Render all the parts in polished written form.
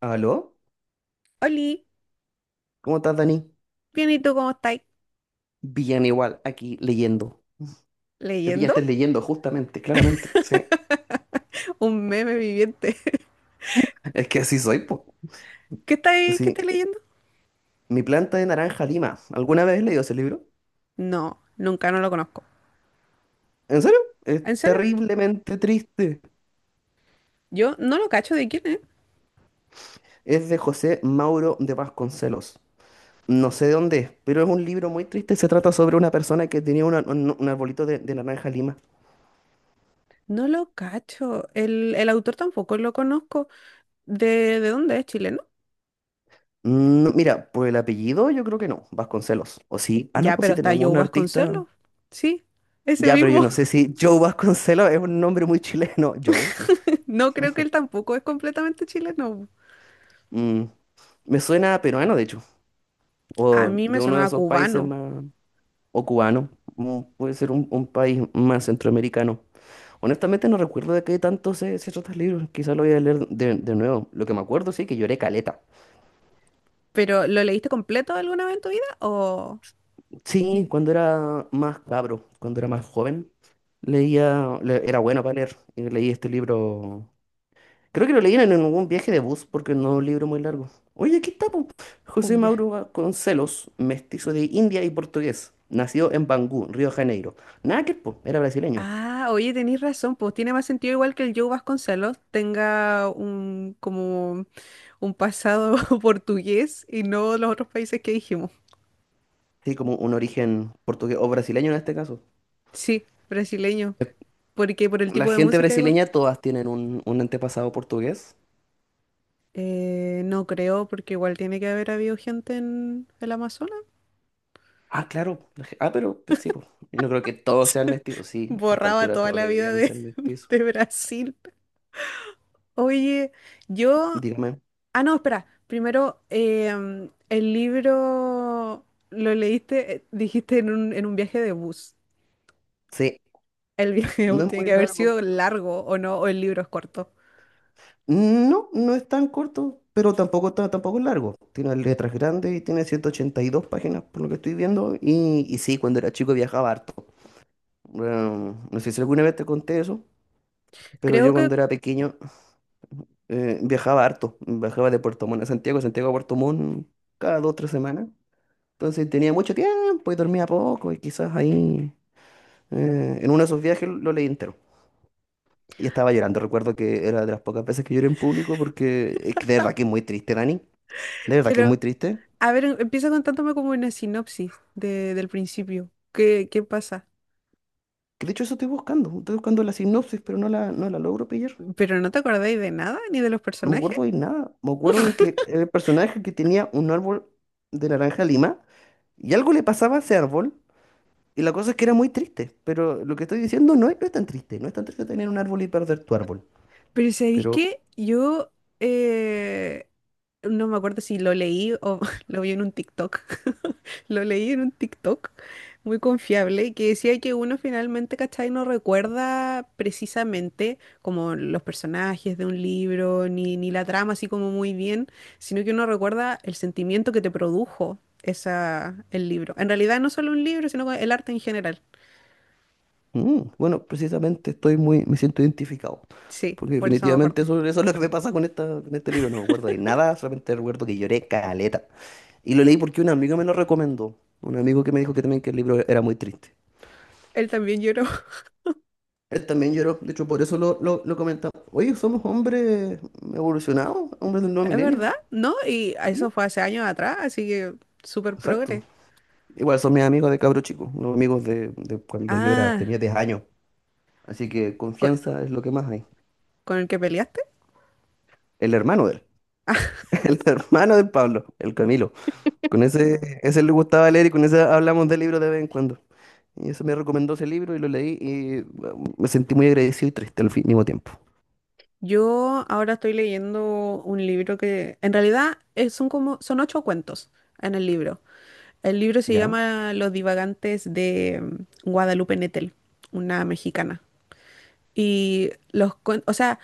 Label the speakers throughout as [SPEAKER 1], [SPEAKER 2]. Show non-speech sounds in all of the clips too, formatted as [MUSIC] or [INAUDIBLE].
[SPEAKER 1] ¿Aló?
[SPEAKER 2] Oli,
[SPEAKER 1] ¿Cómo estás, Dani?
[SPEAKER 2] bien, ¿y tú cómo estáis?
[SPEAKER 1] Bien igual, aquí leyendo. Me
[SPEAKER 2] ¿Leyendo?
[SPEAKER 1] pillaste leyendo, justamente, claramente. Sí,
[SPEAKER 2] [LAUGHS] Un meme viviente.
[SPEAKER 1] es que así soy, po.
[SPEAKER 2] [LAUGHS] ¿Qué estáis, qué
[SPEAKER 1] Sí,
[SPEAKER 2] estáis leyendo?
[SPEAKER 1] mi planta de naranja lima. ¿Alguna vez has leído ese libro?
[SPEAKER 2] No, nunca, no lo conozco.
[SPEAKER 1] ¿En serio? Es
[SPEAKER 2] ¿En serio?
[SPEAKER 1] terriblemente triste.
[SPEAKER 2] Yo no lo cacho de quién es.
[SPEAKER 1] Es de José Mauro de Vasconcelos. No sé de dónde es, pero es un libro muy triste. Se trata sobre una persona que tenía un arbolito de naranja lima.
[SPEAKER 2] No lo cacho. El autor tampoco lo conozco. ¿De dónde es? ¿Chileno?
[SPEAKER 1] Mira, por el apellido yo creo que no, Vasconcelos. ¿O sí? Ah, no,
[SPEAKER 2] Ya,
[SPEAKER 1] pues
[SPEAKER 2] pero
[SPEAKER 1] sí
[SPEAKER 2] está
[SPEAKER 1] tenemos
[SPEAKER 2] Joe
[SPEAKER 1] un artista.
[SPEAKER 2] Vasconcelos. Sí, ese
[SPEAKER 1] Ya, pero yo
[SPEAKER 2] mismo.
[SPEAKER 1] no sé si Joe Vasconcelos es un nombre muy chileno. [LAUGHS] Joe.
[SPEAKER 2] [LAUGHS] No creo que él tampoco es completamente chileno.
[SPEAKER 1] Mm, me suena a peruano, de hecho.
[SPEAKER 2] A
[SPEAKER 1] O
[SPEAKER 2] mí
[SPEAKER 1] de
[SPEAKER 2] me
[SPEAKER 1] uno de
[SPEAKER 2] sonaba
[SPEAKER 1] esos países
[SPEAKER 2] cubano.
[SPEAKER 1] más. O cubano. Puede ser un país más centroamericano. Honestamente no recuerdo de qué tanto se trata el libro. Quizá lo voy a leer de nuevo. Lo que me acuerdo, sí, que lloré caleta.
[SPEAKER 2] ¿Pero lo leíste completo alguna vez en tu vida o
[SPEAKER 1] Sí, cuando era más cabro, cuando era más joven, leía. Era bueno para leer. Y leí este libro. Creo que lo leyeron en algún viaje de bus porque no es un libro muy largo. Oye, aquí está, po. José
[SPEAKER 2] un viaje?
[SPEAKER 1] Mauro Vasconcelos, mestizo de India y portugués. Nació en Bangú, Río de Janeiro. Nada que, po, era brasileño.
[SPEAKER 2] Ah, oye, tenéis razón, pues tiene más sentido igual que el Joe Vasconcelos tenga un como un pasado [LAUGHS] portugués y no los otros países que dijimos.
[SPEAKER 1] Sí, como un origen portugués o brasileño en este caso.
[SPEAKER 2] Sí, brasileño, porque por el
[SPEAKER 1] La
[SPEAKER 2] tipo de
[SPEAKER 1] gente
[SPEAKER 2] música igual.
[SPEAKER 1] brasileña todas tienen un antepasado portugués.
[SPEAKER 2] No creo, porque igual tiene que haber habido gente en el Amazonas.
[SPEAKER 1] Ah, claro. Ah, pero pues, sí, pues. Yo no creo que todos sean mestizos. Sí, a esta
[SPEAKER 2] Borraba
[SPEAKER 1] altura
[SPEAKER 2] toda
[SPEAKER 1] todos
[SPEAKER 2] la vida
[SPEAKER 1] deberían
[SPEAKER 2] de,
[SPEAKER 1] ser
[SPEAKER 2] [LAUGHS]
[SPEAKER 1] mestizos.
[SPEAKER 2] de Brasil. Oye, yo.
[SPEAKER 1] Dígame.
[SPEAKER 2] Ah, no, espera. Primero, el libro lo leíste, dijiste en un viaje de bus.
[SPEAKER 1] Sí,
[SPEAKER 2] El viaje
[SPEAKER 1] no
[SPEAKER 2] [LAUGHS]
[SPEAKER 1] es
[SPEAKER 2] tiene que
[SPEAKER 1] muy
[SPEAKER 2] haber
[SPEAKER 1] largo.
[SPEAKER 2] sido largo o no, o el libro es corto.
[SPEAKER 1] No, no es tan corto, pero tampoco es largo. Tiene letras grandes y tiene 182 páginas, por lo que estoy viendo. Y sí, cuando era chico viajaba harto. Bueno, no sé si alguna vez te conté eso, pero
[SPEAKER 2] Creo
[SPEAKER 1] yo
[SPEAKER 2] que,
[SPEAKER 1] cuando era pequeño viajaba harto. Viajaba de Puerto Montt a Santiago, Santiago a Puerto Montt cada 2 o 3 semanas. Entonces tenía mucho tiempo y dormía poco y quizás ahí, en uno de esos viajes lo leí entero. Y estaba llorando. Recuerdo que era de las pocas veces que lloré en público porque es que de verdad que es muy triste, Dani. De verdad que es
[SPEAKER 2] pero,
[SPEAKER 1] muy triste.
[SPEAKER 2] a ver, empieza contándome como una sinopsis del principio. ¿Qué pasa?
[SPEAKER 1] Que de hecho eso estoy buscando. Estoy buscando la sinopsis, pero no la logro pillar.
[SPEAKER 2] ¿Pero no te acordáis de nada, ni de los
[SPEAKER 1] No me
[SPEAKER 2] personajes?
[SPEAKER 1] acuerdo de nada. Me acuerdo de que el personaje que tenía un árbol de naranja lima y algo le pasaba a ese árbol. Y la cosa es que era muy triste. Pero lo que estoy diciendo no es, no es tan triste. No es tan triste tener un árbol y perder tu árbol.
[SPEAKER 2] Pero ¿sabéis
[SPEAKER 1] Pero
[SPEAKER 2] qué? Yo eh, no me acuerdo si lo leí o [LAUGHS] lo vi en un TikTok. [LAUGHS] Lo leí en un TikTok muy confiable que decía que uno finalmente, ¿cachai? No recuerda precisamente como los personajes de un libro ni la trama así como muy bien, sino que uno recuerda el sentimiento que te produjo esa, el libro. En realidad no solo un libro, sino el arte en general.
[SPEAKER 1] bueno, precisamente estoy muy, me siento identificado.
[SPEAKER 2] Sí,
[SPEAKER 1] Porque
[SPEAKER 2] por eso me
[SPEAKER 1] definitivamente
[SPEAKER 2] acordé.
[SPEAKER 1] eso, eso es lo que me pasa con este libro. No me acuerdo de nada. Solamente recuerdo que lloré caleta. Y lo leí porque un amigo me lo recomendó. Un amigo que me dijo que también que el libro era muy triste.
[SPEAKER 2] Él también lloró.
[SPEAKER 1] Él también lloró, de hecho por eso lo comentamos. Oye, somos hombres evolucionados, hombres del nuevo
[SPEAKER 2] Es
[SPEAKER 1] milenio.
[SPEAKER 2] verdad, ¿no? Y
[SPEAKER 1] ¿Mm?
[SPEAKER 2] eso fue hace años atrás, así que súper
[SPEAKER 1] Exacto.
[SPEAKER 2] progre.
[SPEAKER 1] Igual son mis amigos de cabro chico, los amigos de cuando yo era,
[SPEAKER 2] Ah,
[SPEAKER 1] tenía 10 años. Así que
[SPEAKER 2] ¿con,
[SPEAKER 1] confianza es lo que más hay.
[SPEAKER 2] con el que peleaste?
[SPEAKER 1] El hermano de él, [LAUGHS] el hermano del Pablo, el Camilo. Con ese le gustaba leer y con ese hablamos del libro de vez en cuando. Y eso me recomendó ese libro y lo leí y bueno, me sentí muy agradecido y triste al mismo tiempo.
[SPEAKER 2] Yo ahora estoy leyendo un libro que en realidad son ocho cuentos en el libro. El libro se
[SPEAKER 1] ¿Ya?
[SPEAKER 2] llama Los Divagantes, de Guadalupe Nettel, una mexicana. Y los cuentos, o sea,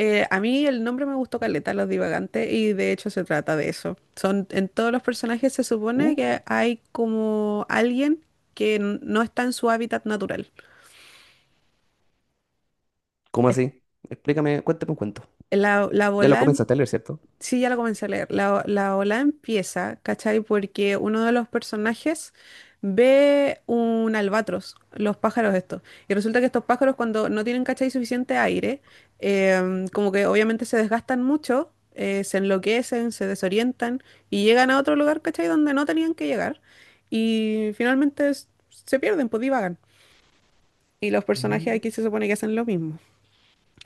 [SPEAKER 2] A mí el nombre me gustó caleta, Los Divagantes, y de hecho se trata de eso. En todos los personajes se supone que
[SPEAKER 1] Uh,
[SPEAKER 2] hay como alguien que no está en su hábitat natural.
[SPEAKER 1] ¿Cómo
[SPEAKER 2] Es-
[SPEAKER 1] así? Explícame, cuéntame un cuento.
[SPEAKER 2] La
[SPEAKER 1] Ya lo
[SPEAKER 2] bola
[SPEAKER 1] comenzaste a leer, ¿cierto?
[SPEAKER 2] Sí, ya la comencé a leer. La ola empieza, ¿cachai? Porque uno de los personajes ve un albatros, los pájaros estos. Y resulta que estos pájaros, cuando no tienen, ¿cachai? Suficiente aire, como que obviamente se desgastan mucho, se enloquecen, se desorientan y llegan a otro lugar, ¿cachai? Donde no tenían que llegar. Y finalmente se pierden, pues divagan. Y los personajes
[SPEAKER 1] Mm,
[SPEAKER 2] aquí se supone que hacen lo mismo.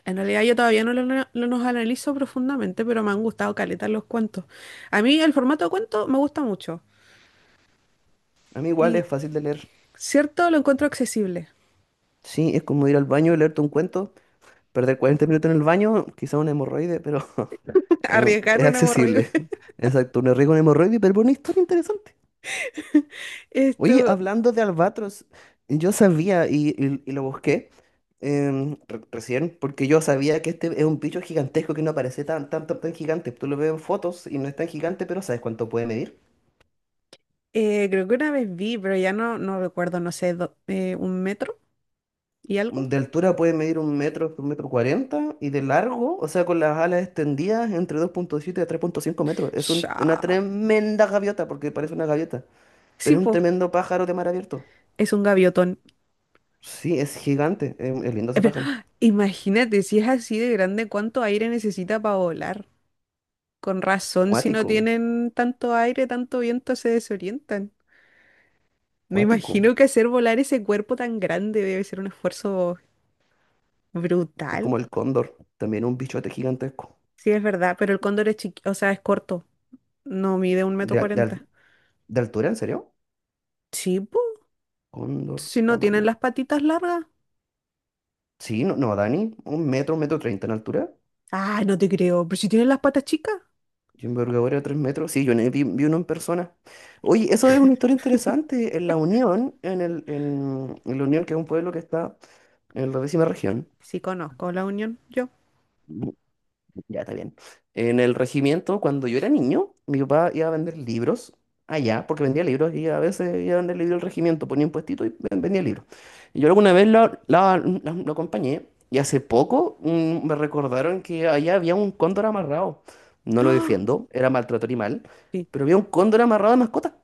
[SPEAKER 2] En realidad yo todavía no los analizo profundamente, pero me han gustado caleta los cuentos. A mí el formato de cuento me gusta mucho
[SPEAKER 1] A mí igual
[SPEAKER 2] y
[SPEAKER 1] es fácil de leer.
[SPEAKER 2] cierto, lo encuentro accesible.
[SPEAKER 1] Sí, es como ir al baño y leerte un cuento, perder 40 minutos en el baño, quizá una hemorroide, pero [LAUGHS]
[SPEAKER 2] [LAUGHS] Arriesgar
[SPEAKER 1] es
[SPEAKER 2] una hemorroide.
[SPEAKER 1] accesible.
[SPEAKER 2] [LAUGHS]
[SPEAKER 1] [LAUGHS] Exacto, un riesgo una hemorroide, pero una historia interesante. Oye,
[SPEAKER 2] Esto,
[SPEAKER 1] hablando de albatros, yo sabía y lo busqué recién, porque yo sabía que este es un bicho gigantesco que no parece tan, tan, tan, tan gigante. Tú lo ves en fotos y no es tan gigante, pero ¿sabes cuánto puede medir?
[SPEAKER 2] creo que una vez vi, pero ya no, no recuerdo, no sé, un metro y algo.
[SPEAKER 1] De altura puede medir un metro cuarenta, y de largo, o sea, con las alas extendidas, entre 2.7 a 3,5 metros. Es un- una
[SPEAKER 2] Sha.
[SPEAKER 1] tremenda gaviota, porque parece una gaviota,
[SPEAKER 2] Sí,
[SPEAKER 1] pero es un
[SPEAKER 2] po,
[SPEAKER 1] tremendo pájaro de mar abierto.
[SPEAKER 2] es un gaviotón.
[SPEAKER 1] Sí, es gigante, es lindo
[SPEAKER 2] Eh,
[SPEAKER 1] ese
[SPEAKER 2] pero, [GASPS]
[SPEAKER 1] pájaro.
[SPEAKER 2] ¡Ah! Imagínate, si es así de grande, ¿cuánto aire necesita para volar? Con razón, si no
[SPEAKER 1] Cuático,
[SPEAKER 2] tienen tanto aire, tanto viento, se desorientan. Me imagino
[SPEAKER 1] cuático.
[SPEAKER 2] que hacer volar ese cuerpo tan grande debe ser un esfuerzo brutal.
[SPEAKER 1] Es como el cóndor, también un bichote gigantesco.
[SPEAKER 2] Sí, es verdad, pero el cóndor es chiqui, o sea, es corto. No mide un metro
[SPEAKER 1] ¿De, al- de
[SPEAKER 2] cuarenta.
[SPEAKER 1] al- de altura, en serio?
[SPEAKER 2] Sí, po,
[SPEAKER 1] Cóndor,
[SPEAKER 2] si no tienen
[SPEAKER 1] tamaño.
[SPEAKER 2] las patitas largas.
[SPEAKER 1] Sí, no, no, Dani, un metro treinta en altura.
[SPEAKER 2] Ah, no te creo, pero si tienen las patas chicas.
[SPEAKER 1] ¿Y envergadura de 3 metros? Sí, yo vi uno en persona. Oye, eso es una historia interesante. En La Unión, que es un pueblo que está en la décima región,
[SPEAKER 2] Sí, conozco La Unión, yo.
[SPEAKER 1] ya está bien. En el regimiento, cuando yo era niño, mi papá iba a vender libros allá, porque vendía libros y a veces iba a vender libros al regimiento, ponía un puestito y vendía libros. Y yo alguna vez lo acompañé y hace poco me recordaron que allá había un cóndor amarrado. No lo
[SPEAKER 2] ¡Ah!
[SPEAKER 1] defiendo, era maltrato animal,
[SPEAKER 2] Sí.
[SPEAKER 1] pero había un cóndor amarrado de mascota.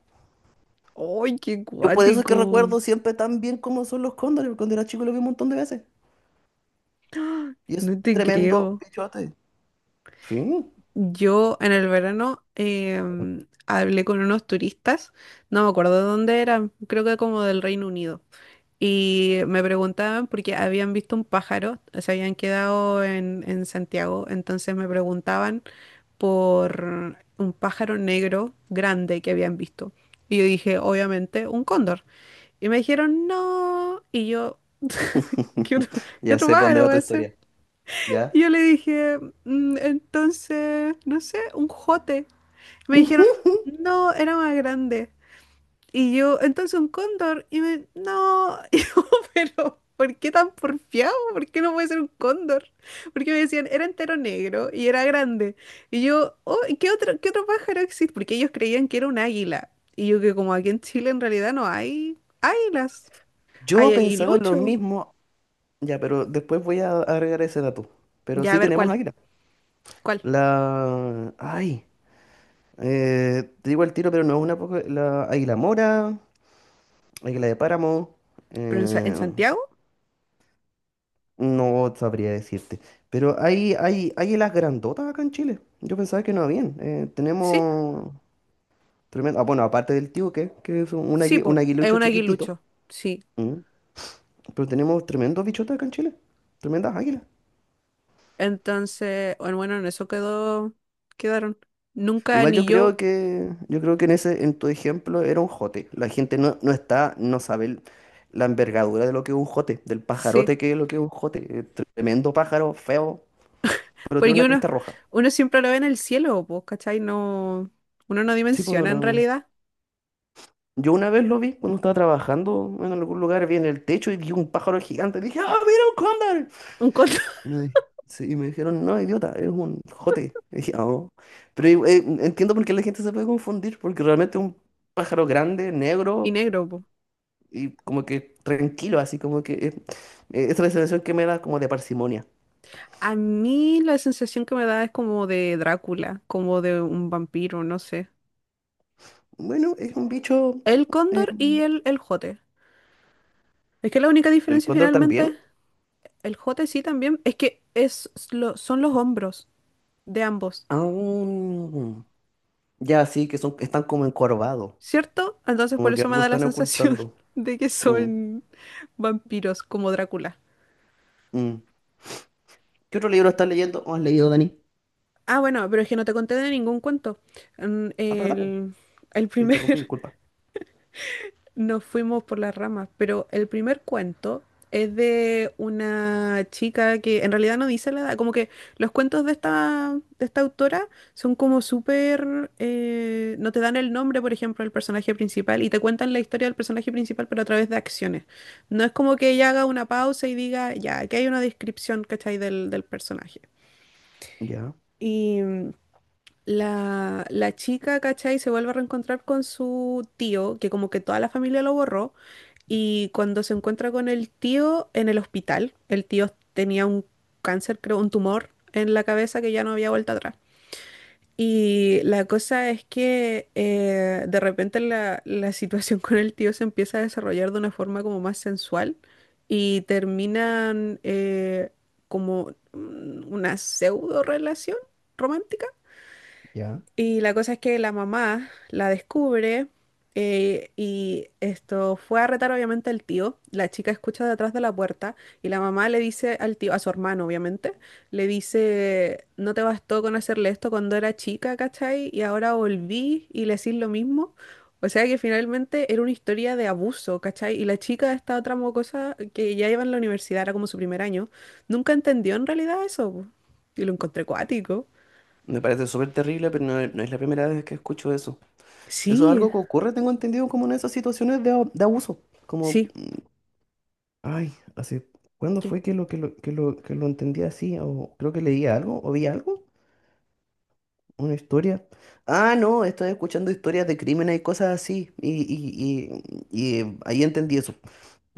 [SPEAKER 2] ¡Ay, qué
[SPEAKER 1] Yo por eso es que
[SPEAKER 2] cuático!
[SPEAKER 1] recuerdo siempre tan bien cómo son los cóndores, porque cuando era chico lo vi un montón de veces.
[SPEAKER 2] ¡Ah!
[SPEAKER 1] Y es
[SPEAKER 2] No te
[SPEAKER 1] tremendo
[SPEAKER 2] creo.
[SPEAKER 1] bichote. Sí,
[SPEAKER 2] Yo en el verano hablé con unos turistas, no me acuerdo de dónde eran, creo que como del Reino Unido. Y me preguntaban porque habían visto un pájaro, se habían quedado en Santiago, entonces me preguntaban por un pájaro negro grande que habían visto. Y yo dije, obviamente, un cóndor. Y me dijeron, no. Y yo, ¿qué otro,
[SPEAKER 1] [LAUGHS]
[SPEAKER 2] [LAUGHS] qué
[SPEAKER 1] ya
[SPEAKER 2] otro
[SPEAKER 1] sé para dónde
[SPEAKER 2] pájaro
[SPEAKER 1] va
[SPEAKER 2] va
[SPEAKER 1] tu
[SPEAKER 2] a ser?
[SPEAKER 1] historia. ¿Ya?
[SPEAKER 2] Y yo le dije: "Entonces, no sé, un jote". Me
[SPEAKER 1] Ujú.
[SPEAKER 2] dijeron, no, era más grande. Y yo, entonces un cóndor, y me, no, [LAUGHS] y yo, pero ¿por qué tan porfiado? ¿Por qué no puede ser un cóndor? Porque me decían, era entero negro y era grande. Y yo, oh, ¿y qué otro, qué otro pájaro existe? Porque ellos creían que era un águila. Y yo, que como aquí en Chile en realidad no hay águilas, hay
[SPEAKER 1] Yo pensaba lo
[SPEAKER 2] aguilucho.
[SPEAKER 1] mismo, ya, pero después voy a agregar ese dato. Pero
[SPEAKER 2] Ya, a
[SPEAKER 1] sí
[SPEAKER 2] ver
[SPEAKER 1] tenemos
[SPEAKER 2] cuál,
[SPEAKER 1] águila.
[SPEAKER 2] cuál.
[SPEAKER 1] La. Ay, te digo el tiro, pero no es una poco. La águila mora, águila de páramo,
[SPEAKER 2] ¿Pero en
[SPEAKER 1] eh,
[SPEAKER 2] Santiago?
[SPEAKER 1] no sabría decirte. Pero hay águilas grandotas acá en Chile. Yo pensaba que no habían.
[SPEAKER 2] Sí,
[SPEAKER 1] Tenemos. Tremendo. Ah, bueno, aparte del tíuque, que es un, un
[SPEAKER 2] sí,
[SPEAKER 1] agui- un
[SPEAKER 2] po, es
[SPEAKER 1] aguilucho
[SPEAKER 2] un
[SPEAKER 1] chiquitito.
[SPEAKER 2] aguilucho, sí.
[SPEAKER 1] ¿M? Pero tenemos tremendos bichotes acá en Chile. Tremendas águilas.
[SPEAKER 2] Entonces, bueno, bueno, en eso quedó, quedaron. Nunca
[SPEAKER 1] Igual
[SPEAKER 2] ni yo,
[SPEAKER 1] yo creo que en ese, en tu ejemplo era un jote. La gente no está, no sabe la envergadura de lo que es un jote, del
[SPEAKER 2] sí.
[SPEAKER 1] pajarote que es lo que es un jote. Tremendo pájaro, feo, pero tiene
[SPEAKER 2] Porque
[SPEAKER 1] una
[SPEAKER 2] uno,
[SPEAKER 1] cresta roja.
[SPEAKER 2] uno siempre lo ve en el cielo, pues, ¿cachai? No, uno no
[SPEAKER 1] Sí, pues no
[SPEAKER 2] dimensiona en
[SPEAKER 1] lo.
[SPEAKER 2] realidad
[SPEAKER 1] Yo una vez lo vi cuando estaba trabajando en algún lugar, vi en el techo y vi un pájaro gigante. Dije, ¡ah, mira un cóndor!
[SPEAKER 2] un color [LAUGHS]
[SPEAKER 1] Y me, di- sí, y me dijeron, no, idiota, es un jote. Y dije, "Ah, oh". Pero entiendo por qué la gente se puede confundir, porque realmente un pájaro grande,
[SPEAKER 2] y
[SPEAKER 1] negro.
[SPEAKER 2] negro, pues.
[SPEAKER 1] Y como que tranquilo, así como que esa es la sensación que me da como de parsimonia.
[SPEAKER 2] A mí la sensación que me da es como de Drácula, como de un vampiro, no sé.
[SPEAKER 1] Bueno, es un bicho,
[SPEAKER 2] El
[SPEAKER 1] eh,
[SPEAKER 2] cóndor y el jote. Es que la única
[SPEAKER 1] el
[SPEAKER 2] diferencia
[SPEAKER 1] cóndor también.
[SPEAKER 2] finalmente, el jote sí también, es que son los hombros de ambos,
[SPEAKER 1] Aún ya sí, que son, están como encorvados,
[SPEAKER 2] ¿cierto? Entonces por
[SPEAKER 1] como que
[SPEAKER 2] eso me
[SPEAKER 1] algo
[SPEAKER 2] da la
[SPEAKER 1] están
[SPEAKER 2] sensación
[SPEAKER 1] ocultando.
[SPEAKER 2] [LAUGHS] de que
[SPEAKER 1] Mm,
[SPEAKER 2] son vampiros como Drácula.
[SPEAKER 1] mm. ¿Qué otro libro estás leyendo o has leído, Dani?
[SPEAKER 2] Ah, bueno, pero es que no te conté de ningún cuento. Mm,
[SPEAKER 1] Ah, perdón, po,
[SPEAKER 2] El, el
[SPEAKER 1] te
[SPEAKER 2] primer,
[SPEAKER 1] interrumpí,
[SPEAKER 2] [LAUGHS]
[SPEAKER 1] disculpa.
[SPEAKER 2] Nos fuimos por las ramas, pero el primer cuento es de una chica que en realidad no dice la edad, como que los cuentos de esta, autora son como súper, no te dan el nombre, por ejemplo, del personaje principal y te cuentan la historia del personaje principal, pero a través de acciones. No es como que ella haga una pausa y diga, ya, aquí hay una descripción, ¿cachai? Del personaje.
[SPEAKER 1] Ya,
[SPEAKER 2] Y la chica, ¿cachai? Se vuelve a reencontrar con su tío, que como que toda la familia lo borró, y cuando se encuentra con el tío en el hospital, el tío tenía un cáncer, creo, un tumor en la cabeza que ya no había vuelta atrás. Y la cosa es que de repente la situación [LAUGHS] con el tío se empieza a desarrollar de una forma como más sensual y terminan como una pseudo relación romántica.
[SPEAKER 1] ya.
[SPEAKER 2] Y la cosa es que la mamá la descubre, y esto fue a retar obviamente al tío. La chica escucha detrás de la puerta y la mamá le dice al tío, a su hermano obviamente, le dice, no te bastó con hacerle esto cuando era chica, ¿cachai? Y ahora volví y le decís lo mismo. O sea que finalmente era una historia de abuso, ¿cachai? Y la chica, esta otra mocosa que ya iba en la universidad, era como su primer año, nunca entendió en realidad eso, po. Y lo encontré cuático.
[SPEAKER 1] Me parece súper terrible, pero no, no es la primera vez que escucho eso. Eso es
[SPEAKER 2] Sí,
[SPEAKER 1] algo que ocurre, tengo entendido, como en esas situaciones de abuso, como
[SPEAKER 2] sí.
[SPEAKER 1] Ay, ¿hace cuándo
[SPEAKER 2] ¿Qué?
[SPEAKER 1] fue que lo entendí así? O creo que leí algo, o vi algo, una historia. Ah, no, estoy escuchando historias de crímenes y cosas así. Y ahí entendí eso.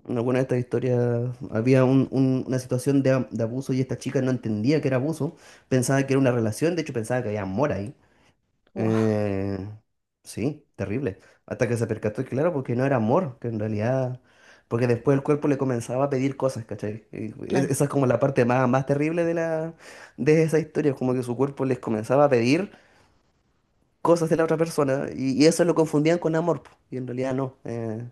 [SPEAKER 1] En alguna de estas historias había una situación de abuso y esta chica no entendía que era abuso. Pensaba que era una relación, de hecho pensaba que había amor ahí.
[SPEAKER 2] Wow,
[SPEAKER 1] Eh, sí, terrible. Hasta que se percató, que, claro, porque no era amor, que en realidad, porque después el cuerpo le comenzaba a pedir cosas, ¿cachai? Y
[SPEAKER 2] claro.
[SPEAKER 1] esa es como la parte más, más terrible de la, de esa historia, como que su cuerpo les comenzaba a pedir cosas de la otra persona y eso lo confundían con amor, po, y en realidad no. Eh,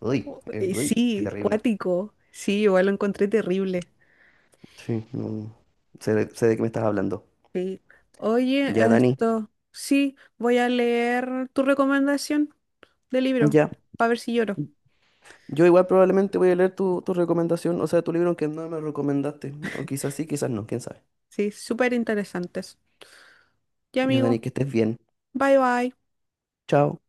[SPEAKER 1] uy,
[SPEAKER 2] Oh, eh,
[SPEAKER 1] Uy, qué
[SPEAKER 2] Sí,
[SPEAKER 1] terrible.
[SPEAKER 2] cuático. Sí, igual lo encontré terrible.
[SPEAKER 1] Sí, no, sé de qué me estás hablando.
[SPEAKER 2] Sí. Oye,
[SPEAKER 1] Ya, Dani,
[SPEAKER 2] esto, sí, voy a leer tu recomendación de libro,
[SPEAKER 1] ya.
[SPEAKER 2] para ver si lloro.
[SPEAKER 1] Yo igual probablemente voy a leer tu, tu recomendación, o sea, tu libro que no me recomendaste. O quizás sí, quizás no, quién sabe.
[SPEAKER 2] Sí, súper interesantes. Ya,
[SPEAKER 1] Ya,
[SPEAKER 2] amigo,
[SPEAKER 1] Dani, que estés bien.
[SPEAKER 2] bye bye.
[SPEAKER 1] Chao.